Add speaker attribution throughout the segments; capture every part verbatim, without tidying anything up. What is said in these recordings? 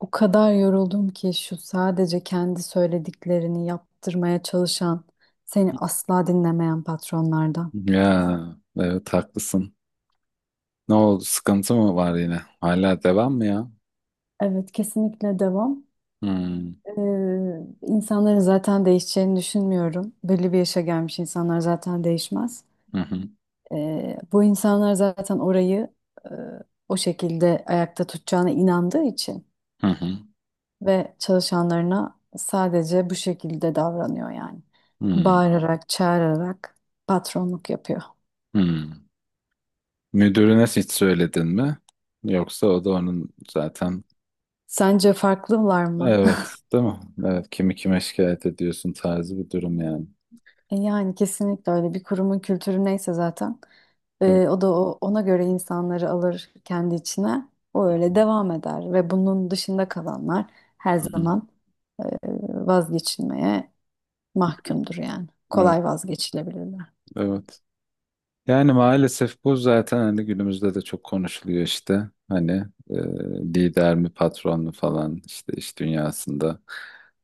Speaker 1: O kadar yoruldum ki şu sadece kendi söylediklerini yaptırmaya çalışan, seni asla dinlemeyen patronlardan.
Speaker 2: Ya evet, haklısın. Ne oldu? Sıkıntı mı var yine? Hala devam mı ya?
Speaker 1: Evet, kesinlikle devam.
Speaker 2: Hmm.
Speaker 1: Ee, insanların zaten değişeceğini düşünmüyorum. Belli bir yaşa gelmiş insanlar zaten değişmez.
Speaker 2: Hı hı.
Speaker 1: Ee, bu insanlar zaten orayı e, o şekilde ayakta tutacağına inandığı için
Speaker 2: Hı hı.
Speaker 1: ve çalışanlarına sadece bu şekilde davranıyor yani.
Speaker 2: Hmm.
Speaker 1: Bağırarak, çağırarak patronluk yapıyor.
Speaker 2: Hmm. Müdürüne hiç söyledin mi? Yoksa o da onun zaten.
Speaker 1: Sence farklılar mı?
Speaker 2: Evet, değil mi? Evet, kimi kime şikayet ediyorsun tarzı bir durum yani.
Speaker 1: E Yani kesinlikle öyle bir kurumun kültürü neyse zaten,
Speaker 2: Evet.
Speaker 1: e, o da o- ona göre insanları alır kendi içine. O öyle devam eder ve bunun dışında kalanlar her
Speaker 2: Hı hı.
Speaker 1: zaman e, vazgeçilmeye mahkumdur yani.
Speaker 2: Evet.
Speaker 1: Kolay vazgeçilebilirler.
Speaker 2: Evet. Yani maalesef bu zaten hani günümüzde de çok konuşuluyor işte. Hani e, lider mi patron mu falan işte iş dünyasında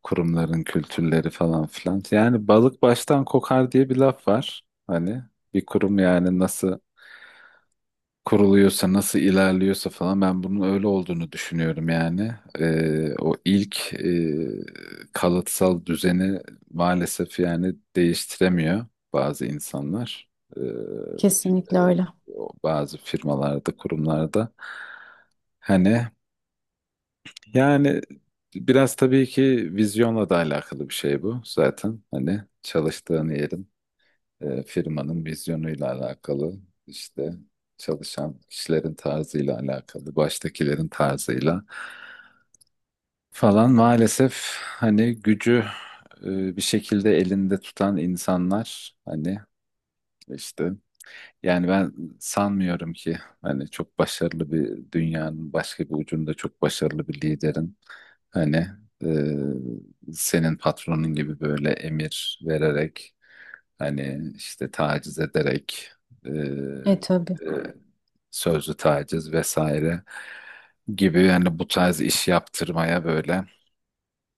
Speaker 2: kurumların kültürleri falan filan. Yani balık baştan kokar diye bir laf var. Hani bir kurum yani nasıl kuruluyorsa, nasıl ilerliyorsa falan ben bunun öyle olduğunu düşünüyorum yani. Ee, o ilk e, kalıtsal düzeni maalesef yani değiştiremiyor bazı insanlar. Ee, e,
Speaker 1: Kesinlikle öyle.
Speaker 2: o bazı firmalarda, kurumlarda. Hani yani biraz tabii ki vizyonla da alakalı bir şey bu zaten. Hani çalıştığın yerin e, firmanın vizyonuyla alakalı işte çalışan kişilerin tarzıyla alakalı, baştakilerin tarzıyla falan maalesef hani gücü e, bir şekilde elinde tutan insanlar hani işte yani ben sanmıyorum ki hani çok başarılı bir dünyanın başka bir ucunda çok başarılı bir liderin hani e, senin patronun gibi böyle emir vererek hani işte taciz ederek e,
Speaker 1: E tabii.
Speaker 2: e, sözlü taciz vesaire gibi yani bu tarz iş yaptırmaya böyle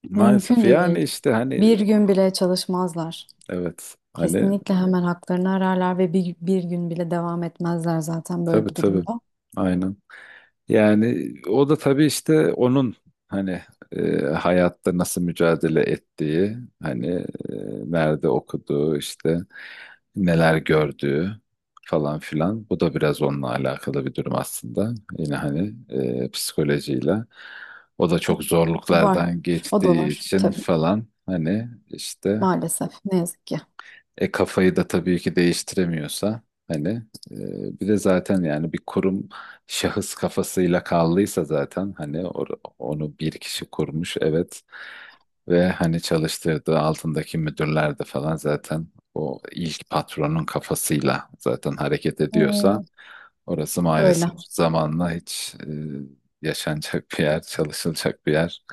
Speaker 2: maalesef
Speaker 1: Mümkün
Speaker 2: yani
Speaker 1: değil.
Speaker 2: işte hani
Speaker 1: Bir gün bile çalışmazlar.
Speaker 2: evet hani
Speaker 1: Kesinlikle hemen haklarını ararlar ve bir, bir gün bile devam etmezler zaten böyle
Speaker 2: tabii
Speaker 1: bir
Speaker 2: tabii
Speaker 1: durumda.
Speaker 2: aynen. Yani o da tabii işte onun hani e, hayatta nasıl mücadele ettiği, hani e, nerede okuduğu, işte neler gördüğü falan filan. Bu da biraz onunla alakalı bir durum aslında. Yine hani e, psikolojiyle. O da çok
Speaker 1: Var.
Speaker 2: zorluklardan
Speaker 1: O da
Speaker 2: geçtiği
Speaker 1: var
Speaker 2: için
Speaker 1: tabii.
Speaker 2: falan hani işte
Speaker 1: Maalesef. Ne yazık ki.
Speaker 2: e kafayı da tabii ki değiştiremiyorsa hani e, bir de zaten yani bir kurum şahıs kafasıyla kaldıysa zaten hani or- onu bir kişi kurmuş, evet, ve hani çalıştırdığı altındaki müdürler de falan zaten o ilk patronun kafasıyla zaten hareket ediyorsa
Speaker 1: Ee,
Speaker 2: orası
Speaker 1: Öyle.
Speaker 2: maalesef zamanla hiç e, yaşanacak bir yer, çalışılacak bir yer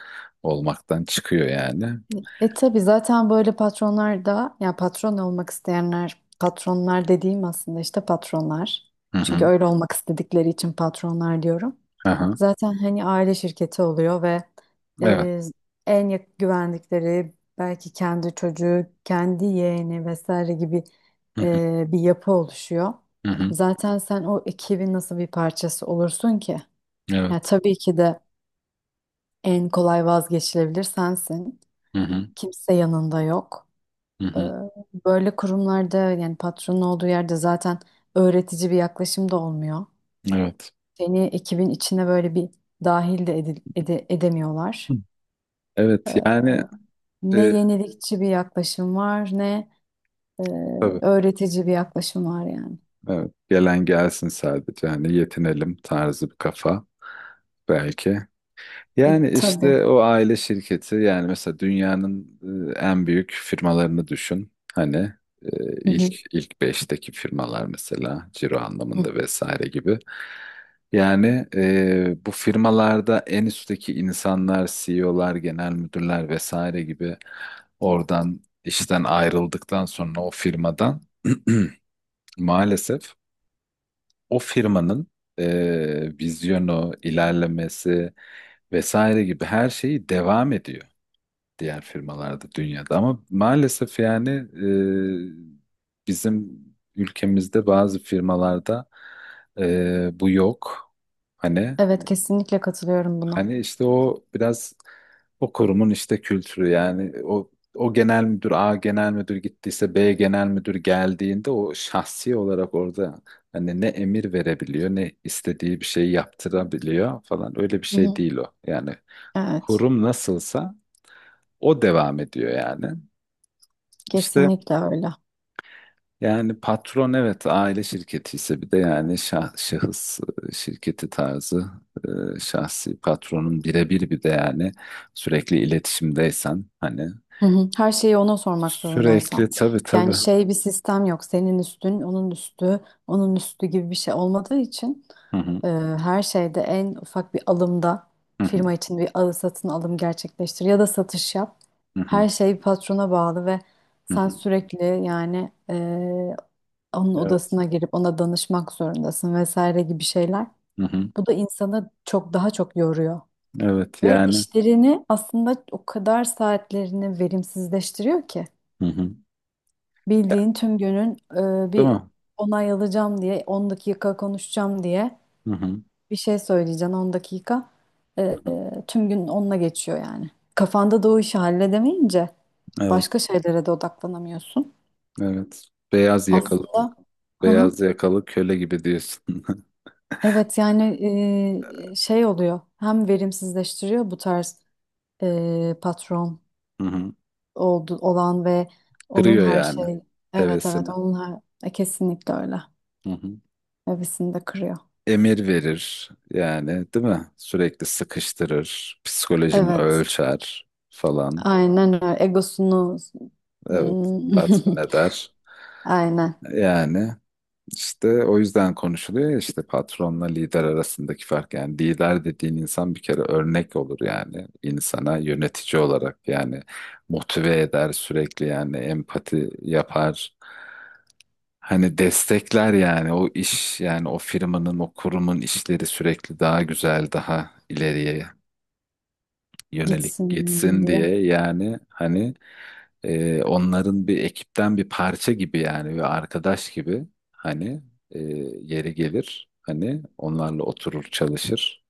Speaker 2: olmaktan çıkıyor yani.
Speaker 1: E tabii, zaten böyle patronlar da ya patron olmak isteyenler, patronlar dediğim aslında işte patronlar.
Speaker 2: Hı
Speaker 1: Çünkü
Speaker 2: hı.
Speaker 1: öyle olmak istedikleri için patronlar diyorum.
Speaker 2: Aha.
Speaker 1: Zaten hani aile şirketi oluyor ve
Speaker 2: Evet.
Speaker 1: e, en yak- güvendikleri belki kendi çocuğu, kendi yeğeni vesaire gibi
Speaker 2: Hı hı.
Speaker 1: e, bir yapı oluşuyor.
Speaker 2: Hı hı.
Speaker 1: Zaten sen o ekibin nasıl bir parçası olursun ki? Ya
Speaker 2: Evet.
Speaker 1: tabii ki de en kolay vazgeçilebilir sensin.
Speaker 2: Hı hı.
Speaker 1: Kimse yanında yok.
Speaker 2: Hı
Speaker 1: Ee,
Speaker 2: hı.
Speaker 1: Böyle kurumlarda, yani patronun olduğu yerde, zaten öğretici bir yaklaşım da olmuyor.
Speaker 2: Evet.
Speaker 1: Seni ekibin içine böyle bir dahil de edil- ede-
Speaker 2: Hı.
Speaker 1: edemiyorlar.
Speaker 2: Evet yani
Speaker 1: Ne
Speaker 2: e,
Speaker 1: yenilikçi bir yaklaşım var, ne e,
Speaker 2: tabii
Speaker 1: öğretici bir yaklaşım var yani.
Speaker 2: evet, gelen gelsin sadece hani yetinelim tarzı bir kafa belki.
Speaker 1: E,
Speaker 2: Yani
Speaker 1: tabii.
Speaker 2: işte o aile şirketi yani mesela dünyanın e, en büyük firmalarını düşün. Hani e,
Speaker 1: Hı
Speaker 2: ilk
Speaker 1: hı.
Speaker 2: ilk beşteki firmalar mesela ciro
Speaker 1: Hı.
Speaker 2: anlamında vesaire gibi. Yani e, bu firmalarda en üstteki insanlar, C E O'lar, genel müdürler vesaire gibi oradan işten ayrıldıktan sonra o firmadan maalesef o firmanın e, vizyonu, ilerlemesi vesaire gibi her şeyi devam ediyor diğer firmalarda dünyada. Ama maalesef yani e, bizim ülkemizde bazı firmalarda e, bu yok. Hani
Speaker 1: Evet, kesinlikle katılıyorum buna.
Speaker 2: hani işte o biraz o kurumun işte kültürü yani o o genel müdür A genel müdür gittiyse B genel müdür geldiğinde o şahsi olarak orada hani ne emir verebiliyor ne istediği bir şey yaptırabiliyor falan öyle bir
Speaker 1: Hı
Speaker 2: şey
Speaker 1: hı.
Speaker 2: değil o. Yani
Speaker 1: Evet,
Speaker 2: kurum nasılsa o devam ediyor yani. İşte
Speaker 1: kesinlikle öyle.
Speaker 2: yani patron evet aile şirketi ise bir de yani şah- şahıs e, şirketi tarzı e, şahsi patronun birebir bir de yani sürekli iletişimdeysen hani
Speaker 1: Hı hı. Her şeyi ona sormak
Speaker 2: sürekli
Speaker 1: zorundaysan.
Speaker 2: tabii
Speaker 1: Yani tabii,
Speaker 2: tabii.
Speaker 1: şey, bir sistem yok. Senin üstün, onun üstü, onun üstü gibi bir şey olmadığı için,
Speaker 2: Hı hı,
Speaker 1: e, her şeyde, en ufak bir alımda,
Speaker 2: hı hı,
Speaker 1: firma için bir alı satın alım gerçekleştir ya da satış yap.
Speaker 2: hı hı,
Speaker 1: Her şey patrona bağlı ve
Speaker 2: hı
Speaker 1: sen
Speaker 2: hı.
Speaker 1: sürekli yani e, onun
Speaker 2: Evet.
Speaker 1: odasına girip ona danışmak zorundasın, vesaire gibi şeyler.
Speaker 2: Hı hı,
Speaker 1: Bu da insanı çok daha çok yoruyor.
Speaker 2: evet
Speaker 1: Ve
Speaker 2: yani.
Speaker 1: işlerini, aslında o kadar saatlerini verimsizleştiriyor ki.
Speaker 2: Hı hı.
Speaker 1: Bildiğin tüm günün e,
Speaker 2: Değil
Speaker 1: bir
Speaker 2: mi?
Speaker 1: onay alacağım diye on dakika, konuşacağım diye
Speaker 2: Hı hı,
Speaker 1: bir şey söyleyeceksin on dakika. E,
Speaker 2: hı hı.
Speaker 1: e, tüm gün onunla geçiyor yani. Kafanda da o işi halledemeyince başka
Speaker 2: Evet,
Speaker 1: şeylere de odaklanamıyorsun.
Speaker 2: evet. Beyaz yakalı
Speaker 1: Aslında, hı hı.
Speaker 2: beyaz yakalı köle gibi diyorsun.
Speaker 1: Evet yani e, şey oluyor, hem verimsizleştiriyor bu tarz e, patron
Speaker 2: Hı hı.
Speaker 1: oldu, olan ve onun
Speaker 2: Kırıyor
Speaker 1: her
Speaker 2: yani
Speaker 1: şey, evet evet
Speaker 2: hevesini.
Speaker 1: onun her, e, kesinlikle öyle.
Speaker 2: Hı hı.
Speaker 1: Hevesini de kırıyor.
Speaker 2: Emir verir yani, değil mi? Sürekli sıkıştırır, psikolojini
Speaker 1: Evet.
Speaker 2: ölçer falan.
Speaker 1: Aynen öyle. Egosunu.
Speaker 2: Evet,
Speaker 1: Hmm.
Speaker 2: tatmin eder.
Speaker 1: Aynen.
Speaker 2: Yani işte o yüzden konuşuluyor ya, işte patronla lider arasındaki fark. Yani lider dediğin insan bir kere örnek olur yani, insana yönetici olarak yani motive eder sürekli yani empati yapar. Hani destekler yani o iş yani o firmanın o kurumun işleri sürekli daha güzel daha ileriye yönelik
Speaker 1: Gitsin
Speaker 2: gitsin
Speaker 1: diye.
Speaker 2: diye yani hani e, onların bir ekipten bir parça gibi yani ve arkadaş gibi hani e, yeri gelir hani onlarla oturur çalışır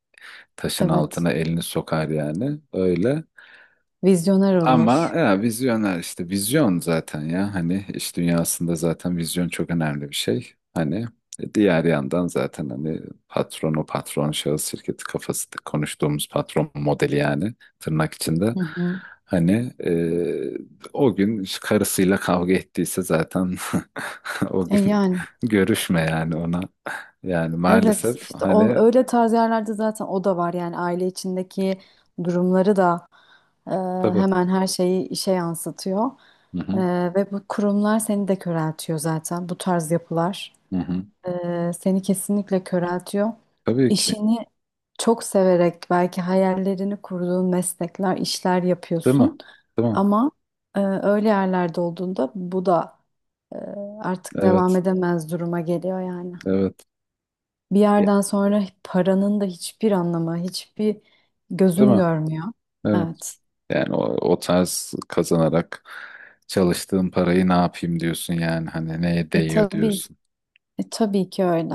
Speaker 2: taşın
Speaker 1: Evet.
Speaker 2: altına elini sokar yani öyle
Speaker 1: Vizyoner
Speaker 2: ama
Speaker 1: olur.
Speaker 2: ya, vizyoner işte vizyon zaten ya hani iş dünyasında zaten vizyon çok önemli bir şey. Hani e, diğer yandan zaten hani patron o patron şahıs şirketi kafası konuştuğumuz patron modeli yani tırnak içinde.
Speaker 1: Hı hı.
Speaker 2: Hani e, o gün karısıyla kavga ettiyse zaten o
Speaker 1: E
Speaker 2: gün
Speaker 1: yani
Speaker 2: görüşme yani ona. Yani
Speaker 1: evet,
Speaker 2: maalesef
Speaker 1: işte o,
Speaker 2: hani
Speaker 1: öyle tarz yerlerde zaten o da var yani, aile içindeki durumları da e,
Speaker 2: tabii.
Speaker 1: hemen her şeyi işe yansıtıyor.
Speaker 2: Hı
Speaker 1: E,
Speaker 2: hı,
Speaker 1: Ve bu kurumlar seni de köreltiyor, zaten bu tarz yapılar.
Speaker 2: hı hı.
Speaker 1: Ee, seni kesinlikle köreltiyor.
Speaker 2: Tabii ki.
Speaker 1: İşini çok severek, belki hayallerini kurduğun meslekler, işler
Speaker 2: Değil mi?
Speaker 1: yapıyorsun.
Speaker 2: Değil mi?
Speaker 1: Ama e, öyle yerlerde olduğunda bu da e, artık devam
Speaker 2: Evet,
Speaker 1: edemez duruma geliyor yani.
Speaker 2: evet.
Speaker 1: Bir yerden sonra paranın da hiçbir anlamı, hiçbir
Speaker 2: Değil
Speaker 1: gözün
Speaker 2: mi?
Speaker 1: görmüyor.
Speaker 2: Evet.
Speaker 1: Evet.
Speaker 2: Yani o, o tarz kazanarak çalıştığın parayı ne yapayım diyorsun yani hani neye
Speaker 1: E
Speaker 2: değiyor
Speaker 1: tabii,
Speaker 2: diyorsun.
Speaker 1: e, tabii ki öyle.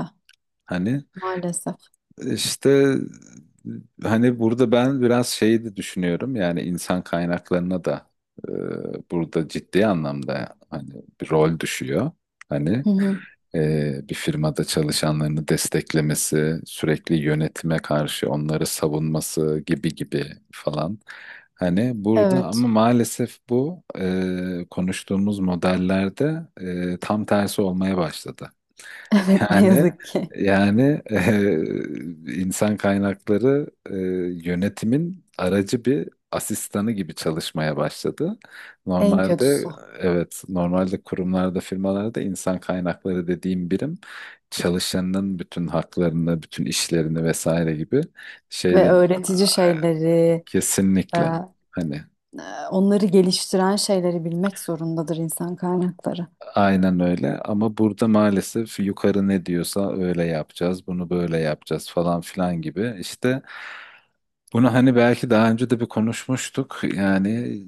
Speaker 2: Hani
Speaker 1: Maalesef.
Speaker 2: işte hani burada ben biraz şeyi de düşünüyorum yani insan kaynaklarına da e, burada ciddi anlamda hani bir rol düşüyor. Hani
Speaker 1: Hı hı.
Speaker 2: e, bir firmada çalışanlarını desteklemesi, sürekli yönetime karşı onları savunması gibi gibi falan. Hani burada
Speaker 1: Evet.
Speaker 2: ama maalesef bu e, konuştuğumuz modellerde e, tam tersi olmaya başladı.
Speaker 1: Evet, ne
Speaker 2: Yani
Speaker 1: yazık ki.
Speaker 2: yani eee, insan kaynakları eee, yönetimin aracı bir asistanı gibi çalışmaya başladı.
Speaker 1: En
Speaker 2: Normalde
Speaker 1: kötüsü.
Speaker 2: evet normalde kurumlarda firmalarda insan kaynakları dediğim birim çalışanın bütün haklarını, bütün işlerini vesaire gibi
Speaker 1: Ve
Speaker 2: şeylerin
Speaker 1: öğretici şeyleri, e, e,
Speaker 2: kesinlikle hani
Speaker 1: onları geliştiren şeyleri bilmek zorundadır insan kaynakları.
Speaker 2: aynen öyle ama burada maalesef yukarı ne diyorsa öyle yapacağız, bunu böyle yapacağız falan filan gibi işte bunu hani belki daha önce de bir konuşmuştuk. Yani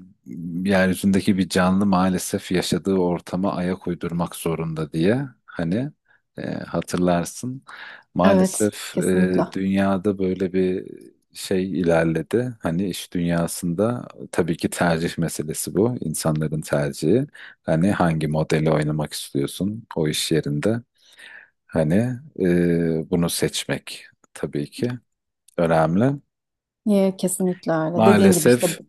Speaker 2: yeryüzündeki bir canlı maalesef yaşadığı ortama ayak uydurmak zorunda diye. Hani e, hatırlarsın.
Speaker 1: Evet,
Speaker 2: Maalesef e,
Speaker 1: kesinlikle.
Speaker 2: dünyada böyle bir şey ilerledi. Hani iş dünyasında tabii ki tercih meselesi bu. İnsanların tercihi. Hani hangi modeli oynamak istiyorsun o iş yerinde? Hani e, bunu seçmek tabii ki önemli.
Speaker 1: Niye? Kesinlikle öyle. Dediğin gibi
Speaker 2: Maalesef
Speaker 1: işte,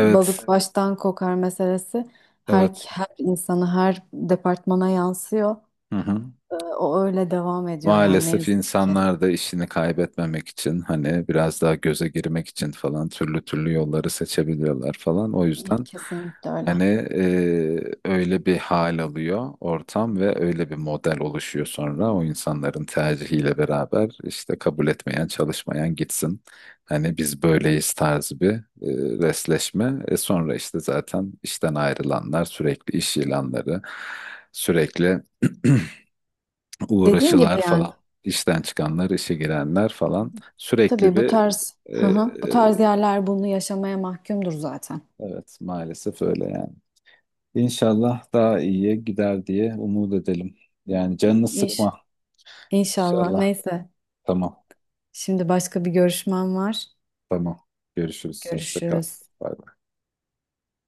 Speaker 1: balık, evet, baştan kokar meselesi her,
Speaker 2: evet.
Speaker 1: her insanı, her departmana yansıyor.
Speaker 2: Hı hı.
Speaker 1: E, O öyle devam ediyor yani, ne
Speaker 2: Maalesef
Speaker 1: yazık ki.
Speaker 2: insanlar da işini kaybetmemek için hani biraz daha göze girmek için falan türlü türlü yolları seçebiliyorlar falan. O yüzden
Speaker 1: Kesinlikle öyle.
Speaker 2: hani e, öyle bir hal alıyor ortam ve öyle bir model oluşuyor sonra o insanların tercihiyle beraber işte kabul etmeyen çalışmayan gitsin. Hani biz böyleyiz tarzı bir e, resleşme. E sonra işte zaten işten ayrılanlar sürekli iş ilanları sürekli
Speaker 1: Dediğin gibi
Speaker 2: uğraşılar
Speaker 1: yani.
Speaker 2: falan. İşten çıkanlar, işe girenler falan. Sürekli
Speaker 1: Tabii bu
Speaker 2: bir
Speaker 1: tarz,
Speaker 2: e,
Speaker 1: hı hı, bu
Speaker 2: e,
Speaker 1: tarz yerler bunu yaşamaya mahkumdur zaten.
Speaker 2: evet maalesef öyle yani. İnşallah daha iyiye gider diye umut edelim. Yani canını
Speaker 1: İş,
Speaker 2: sıkma,
Speaker 1: inşallah.
Speaker 2: inşallah.
Speaker 1: Neyse.
Speaker 2: Tamam,
Speaker 1: Şimdi başka bir görüşmem var.
Speaker 2: tamam. Görüşürüz. Hoşça kal.
Speaker 1: Görüşürüz.
Speaker 2: Bay bay.